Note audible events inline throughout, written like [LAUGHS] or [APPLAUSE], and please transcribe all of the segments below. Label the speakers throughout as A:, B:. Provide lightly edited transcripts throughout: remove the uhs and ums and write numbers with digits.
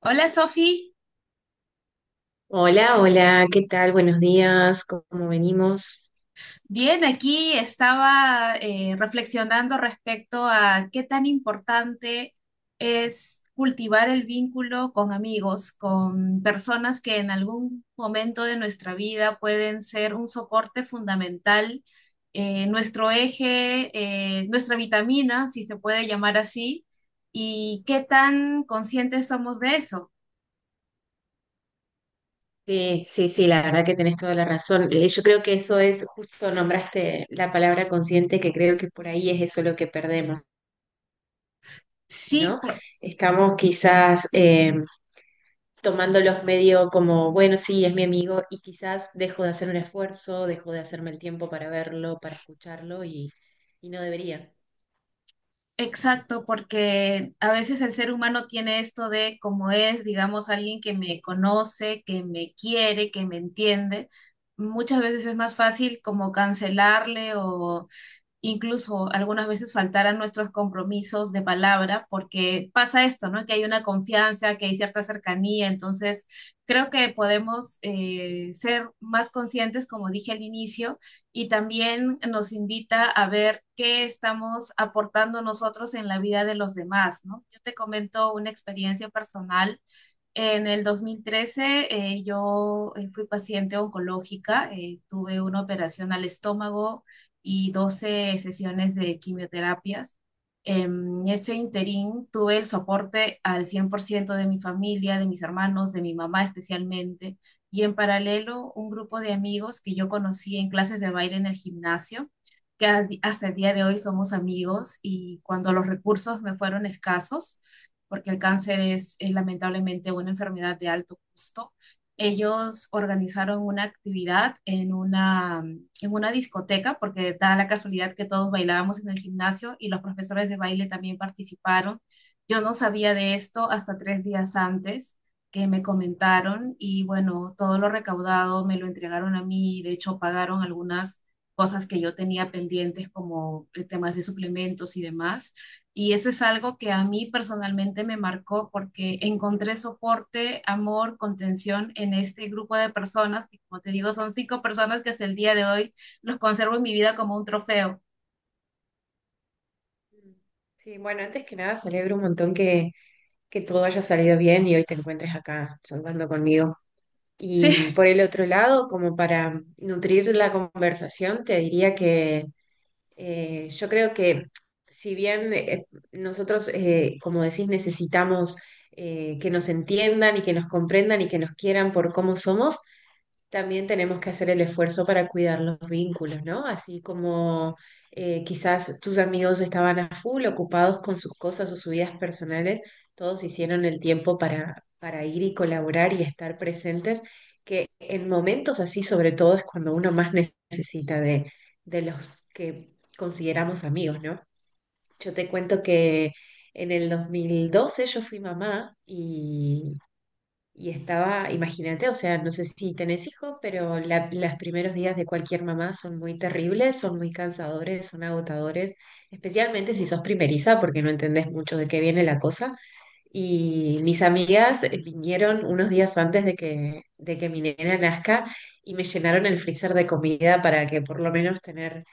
A: Hola Sofi,
B: Hola, hola, ¿qué tal? Buenos días, ¿cómo venimos?
A: bien, aquí estaba reflexionando respecto a qué tan importante es cultivar el vínculo con amigos, con personas que en algún momento de nuestra vida pueden ser un soporte fundamental, nuestro eje, nuestra vitamina, si se puede llamar así, y qué tan conscientes somos de eso.
B: Sí, sí, sí, la verdad que tenés toda la razón. Yo creo que eso es, justo nombraste la palabra consciente, que creo que por ahí es eso lo que perdemos,
A: Sí,
B: ¿no?
A: por-
B: Estamos quizás tomándolos medio como, bueno, sí, es mi amigo, y quizás dejo de hacer un esfuerzo, dejo de hacerme el tiempo para verlo, para escucharlo, y no debería.
A: Exacto, porque a veces el ser humano tiene esto de como es, digamos, alguien que me conoce, que me quiere, que me entiende. Muchas veces es más fácil como cancelarle o incluso algunas veces faltar a nuestros compromisos de palabra, porque pasa esto, ¿no? Que hay una confianza, que hay cierta cercanía, entonces creo que podemos ser más conscientes, como dije al inicio, y también nos invita a ver qué estamos aportando nosotros en la vida de los demás, ¿no? Yo te comento una experiencia personal en el 2013 yo fui paciente oncológica, tuve una operación al estómago y 12 sesiones de quimioterapias. En ese interín tuve el soporte al 100% de mi familia, de mis hermanos, de mi mamá especialmente, y en paralelo un grupo de amigos que yo conocí en clases de baile en el gimnasio que hasta el día de hoy somos amigos y cuando los recursos me fueron escasos, porque el cáncer es lamentablemente una enfermedad de alto costo, ellos organizaron una actividad en una discoteca, porque da la casualidad que todos bailábamos en el gimnasio y los profesores de baile también participaron. Yo no sabía de esto hasta 3 días antes que me comentaron y bueno, todo lo recaudado me lo entregaron a mí, de hecho pagaron algunas cosas que yo tenía pendientes como temas de suplementos y demás. Y eso es algo que a mí personalmente me marcó porque encontré soporte, amor, contención en este grupo de personas, que como te digo, son cinco personas que hasta el día de hoy los conservo en mi vida como un trofeo. [LAUGHS]
B: Mm. Sí, bueno, antes que nada celebro un montón que todo haya salido bien y hoy te encuentres acá charlando conmigo. Y
A: Sí,
B: por el otro lado, como para nutrir la conversación, te diría que yo creo que si bien nosotros, como decís, necesitamos que nos entiendan y que nos comprendan y que nos quieran por cómo somos, también tenemos que hacer el esfuerzo para cuidar los vínculos, ¿no? Así como quizás tus amigos estaban a full, ocupados con sus cosas o sus vidas personales, todos hicieron el tiempo para ir y colaborar y estar presentes, que en momentos así, sobre todo, es cuando uno más necesita de los que consideramos amigos, ¿no? Yo te cuento que en el 2012 yo fui mamá y estaba, imagínate, o sea, no sé si tenés hijos, pero los primeros días de cualquier mamá son muy terribles, son muy cansadores, son agotadores, especialmente si sos primeriza, porque no entendés mucho de qué viene la cosa. Y mis amigas vinieron unos días antes de que mi nena nazca y me llenaron el freezer de comida para que por lo menos tener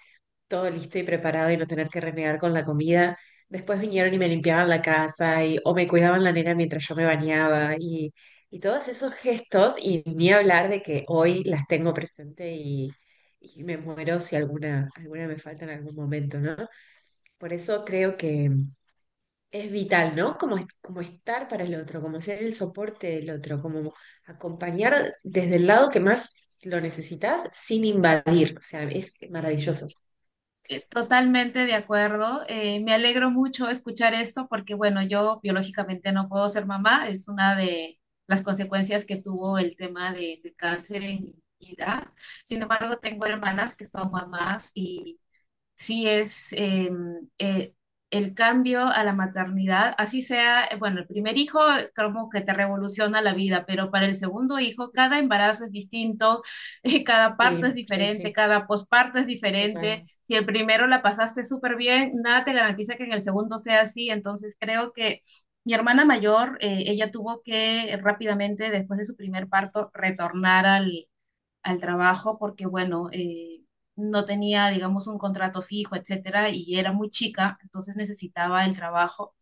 B: todo listo y preparado y no tener que renegar con la comida. Después vinieron y me limpiaban la casa y, o me cuidaban la nena mientras yo me bañaba y todos esos gestos y ni hablar de que hoy las tengo presente y me muero si alguna, alguna me falta en algún momento, ¿no? Por eso creo que es vital, ¿no? Como, como estar para el otro, como ser el soporte del otro, como acompañar desde el lado que más lo necesitas sin invadir. O sea, es maravilloso.
A: totalmente de acuerdo. Me alegro mucho escuchar esto porque, bueno, yo biológicamente no puedo ser mamá. Es una de las consecuencias que tuvo el tema de cáncer en mi vida. Sin embargo, tengo hermanas que son mamás y sí es eh, el cambio a la maternidad, así sea, bueno, el primer hijo como que te revoluciona la vida, pero para el segundo hijo cada embarazo es distinto, [LAUGHS] cada parto es
B: Sí, sí,
A: diferente,
B: sí.
A: cada posparto es diferente.
B: Total.
A: Si el primero la pasaste súper bien, nada te garantiza que en el segundo sea así, entonces creo que... Mi hermana mayor, ella tuvo que rápidamente, después de su primer parto, retornar al trabajo porque, bueno, no tenía, digamos, un contrato fijo, etcétera, y era muy chica, entonces necesitaba el trabajo.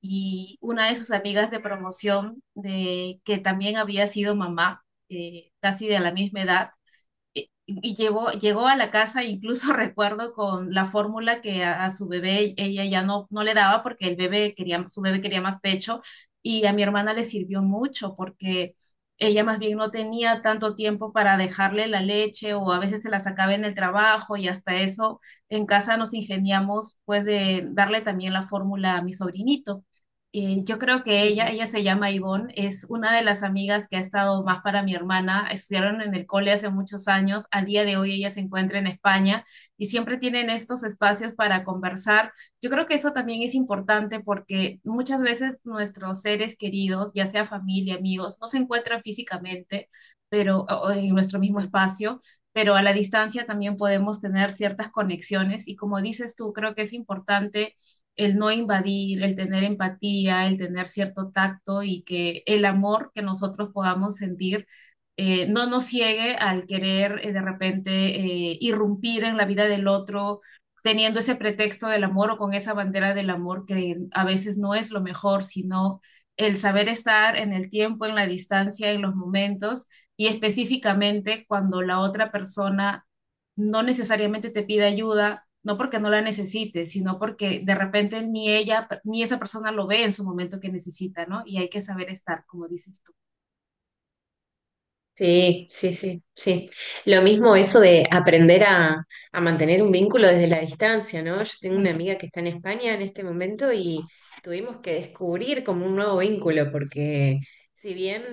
A: Y una de sus amigas de promoción, que también había sido mamá, casi de la misma edad, y llegó a la casa, incluso [LAUGHS] recuerdo con la fórmula que a su bebé ella ya no le daba porque su bebé quería más pecho y a mi hermana le sirvió mucho porque ella más bien no tenía tanto tiempo para dejarle la leche o a veces se la sacaba en el trabajo y hasta eso en casa nos ingeniamos pues de darle también la fórmula a mi sobrinito. Yo creo que ella,
B: Ujú,
A: ella se llama Ivonne, es una de las amigas que ha estado más para mi hermana. Estudiaron en el cole hace muchos años, al día de hoy ella se encuentra en España y siempre tienen estos espacios para conversar. Yo creo que eso también es importante porque muchas veces nuestros seres queridos, ya sea familia, amigos, no se encuentran físicamente, pero o en nuestro mismo
B: ujú.
A: espacio, pero a la distancia también podemos tener ciertas conexiones y como dices tú, creo que es importante el no invadir, el tener empatía, el tener cierto tacto y que el amor que nosotros podamos sentir no nos ciegue al querer de repente irrumpir en la vida del otro teniendo ese pretexto del amor o con esa bandera del amor que a veces no es lo mejor, sino el saber estar en el tiempo, en la distancia, en los momentos y específicamente cuando la otra persona no necesariamente te pide ayuda, no porque no la necesite, sino porque de repente ni ella, ni esa persona lo ve en su momento que necesita, ¿no? Y hay que saber estar, como dices
B: Sí, sí, sí, sí. Lo mismo eso de aprender a mantener un vínculo desde la distancia, ¿no? Yo tengo
A: tú.
B: una amiga que está en España en este momento y tuvimos que descubrir como un nuevo vínculo, porque si bien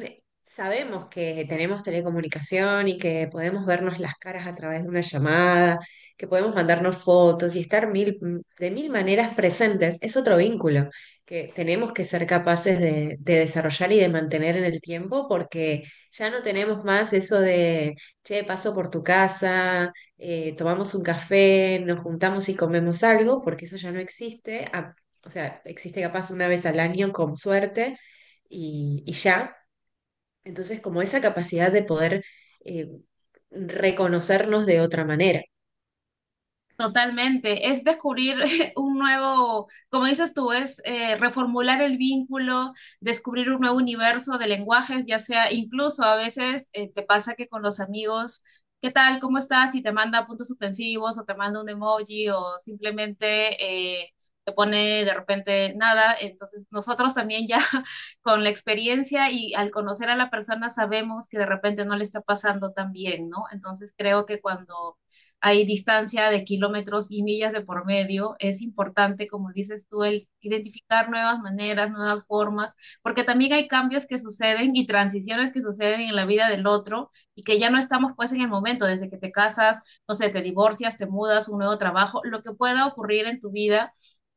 B: sabemos que tenemos telecomunicación y que podemos vernos las caras a través de una llamada, que podemos mandarnos fotos y estar mil, de mil maneras presentes, es otro vínculo que tenemos que ser capaces de desarrollar y de mantener en el tiempo porque ya no tenemos más eso de, che, paso por tu casa, tomamos un café, nos juntamos y comemos algo, porque eso ya no existe. Ah, o sea, existe capaz una vez al año con suerte y ya. Entonces, como esa capacidad de poder eh, reconocernos de otra manera.
A: Totalmente, es descubrir [LAUGHS] un nuevo, como dices tú, es reformular el vínculo, descubrir un nuevo universo de lenguajes, ya sea incluso a veces te pasa que con los amigos, ¿qué tal? ¿Cómo estás? Y te manda puntos suspensivos o te manda un emoji o simplemente te pone de repente nada. Entonces nosotros también ya [LAUGHS] con la experiencia y al conocer a la persona sabemos que de repente no le está pasando tan bien, ¿no? Entonces creo que cuando hay distancia de kilómetros y millas de por medio, es importante, como dices tú, el identificar nuevas maneras, nuevas formas, porque también hay cambios que suceden y transiciones que suceden en la vida del otro y que ya no estamos pues en el momento, desde que te casas, no sé, te divorcias, te mudas, un nuevo trabajo, lo que pueda ocurrir en tu vida.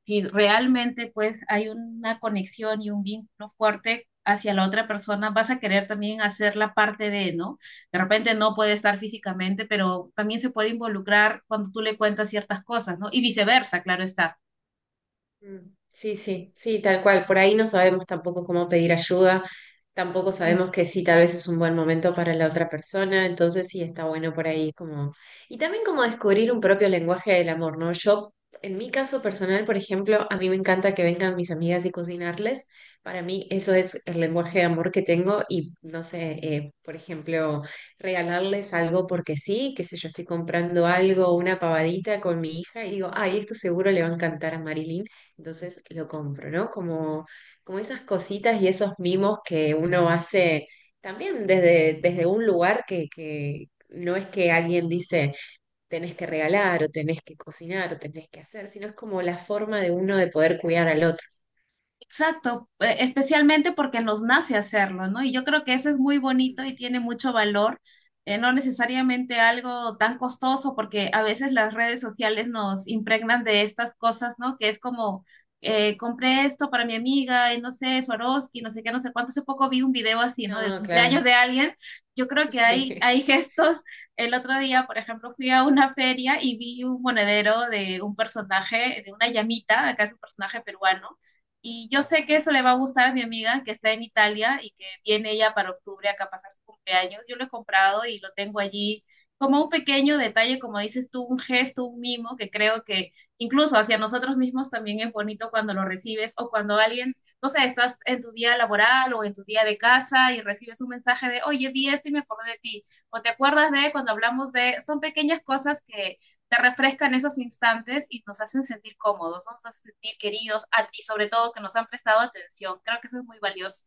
A: Y realmente pues hay una conexión y un vínculo fuerte hacia la otra persona, vas a querer también hacer la parte de, ¿no? De repente no puede estar físicamente, pero también se puede involucrar cuando tú le cuentas ciertas cosas, ¿no? Y viceversa, claro está.
B: Mm. Sí, sí, sí, tal cual. Por ahí no sabemos tampoco cómo pedir ayuda, tampoco
A: Mm.
B: sabemos que sí, tal vez es un buen momento para la otra persona, entonces sí está bueno por ahí como... Y también como descubrir un propio lenguaje del amor, ¿no? Yo, en mi caso personal, por ejemplo, a mí me encanta que vengan mis amigas y cocinarles. Para mí eso es el lenguaje de amor que tengo y, no sé, por ejemplo, regalarles algo porque sí, qué sé yo, estoy comprando algo, una pavadita con mi hija y digo, ay, esto seguro le va a encantar a Marilyn, entonces lo compro, ¿no? Como, como esas cositas y esos mimos que uno hace también desde, desde un lugar que no es que alguien dice tenés que regalar o tenés que cocinar o tenés que hacer, sino es como la forma de uno de poder cuidar al otro.
A: Exacto, especialmente porque nos nace hacerlo, ¿no? Y yo creo que eso es muy bonito y tiene mucho valor, no necesariamente algo tan costoso, porque a veces las redes sociales nos impregnan de estas cosas, ¿no? Que es como, compré esto para mi amiga, y no sé, Swarovski, no sé qué, no sé cuánto. Hace poco vi un video así, ¿no? Del
B: No,
A: cumpleaños
B: claro.
A: de alguien. Yo creo
B: [LAUGHS]
A: que hay,
B: Sí.
A: hay gestos. El otro día, por ejemplo, fui a una feria y vi un monedero de un personaje, de una llamita, acá es un personaje peruano y yo sé que esto le va a gustar a mi amiga que está en Italia y que viene ella para octubre acá a pasar su cumpleaños. Yo lo he comprado y lo tengo allí como un pequeño detalle, como dices tú, un gesto, un mimo, que creo que incluso hacia nosotros mismos también es bonito cuando lo recibes o cuando alguien, no sé, estás en tu día laboral o en tu día de casa y recibes un mensaje de, oye, vi esto y me acordé de ti, o te acuerdas de cuando hablamos de, son pequeñas cosas que te refrescan esos instantes y nos hacen sentir cómodos, ¿no? Nos hacen sentir queridos y sobre todo que nos han prestado atención. Creo que eso es muy valioso.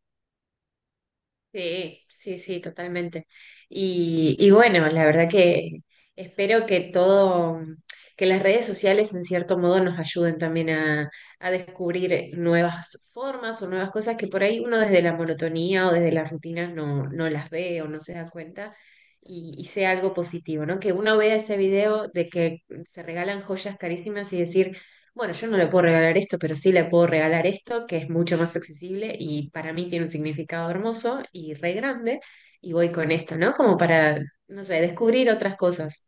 B: Sí, sí, sí, totalmente. Y bueno, la verdad que espero que todo, que las redes sociales en cierto modo nos ayuden también a descubrir nuevas formas o nuevas cosas que por ahí uno desde la monotonía o desde las rutinas no, no las ve o no se da cuenta y sea algo positivo, ¿no? Que uno vea ese video de que se regalan joyas carísimas y decir, bueno, yo no le puedo regalar esto, pero sí le puedo regalar esto, que es mucho más accesible y para mí tiene un significado hermoso y re grande, y voy con esto, ¿no? Como para, no sé, descubrir otras cosas.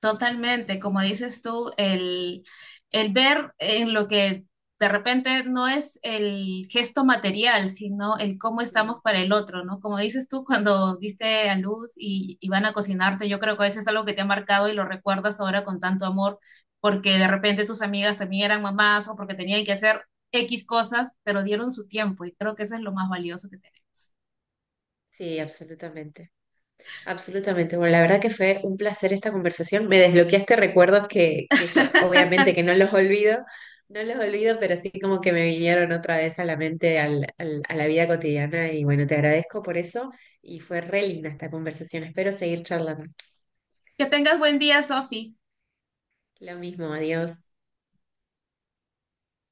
A: Totalmente, como dices tú, el ver en lo que de repente no es el gesto material, sino el cómo estamos
B: Mm.
A: para el otro, ¿no? Como dices tú, cuando diste a luz y van a cocinarte, yo creo que eso es algo que te ha marcado y lo recuerdas ahora con tanto amor, porque de repente tus amigas también eran mamás o porque tenían que hacer X cosas, pero dieron su tiempo y creo que eso es lo más valioso que tenemos.
B: Sí, absolutamente, absolutamente. Bueno, la verdad que fue un placer esta conversación. Me desbloqueaste recuerdos que yo, obviamente que
A: [LAUGHS]
B: no los olvido, no los olvido, pero sí como que me vinieron otra vez a la mente, a la vida cotidiana, y bueno, te agradezco por eso, y fue re linda esta conversación. Espero seguir charlando.
A: Que tengas buen día, Sofi.
B: Lo mismo, adiós.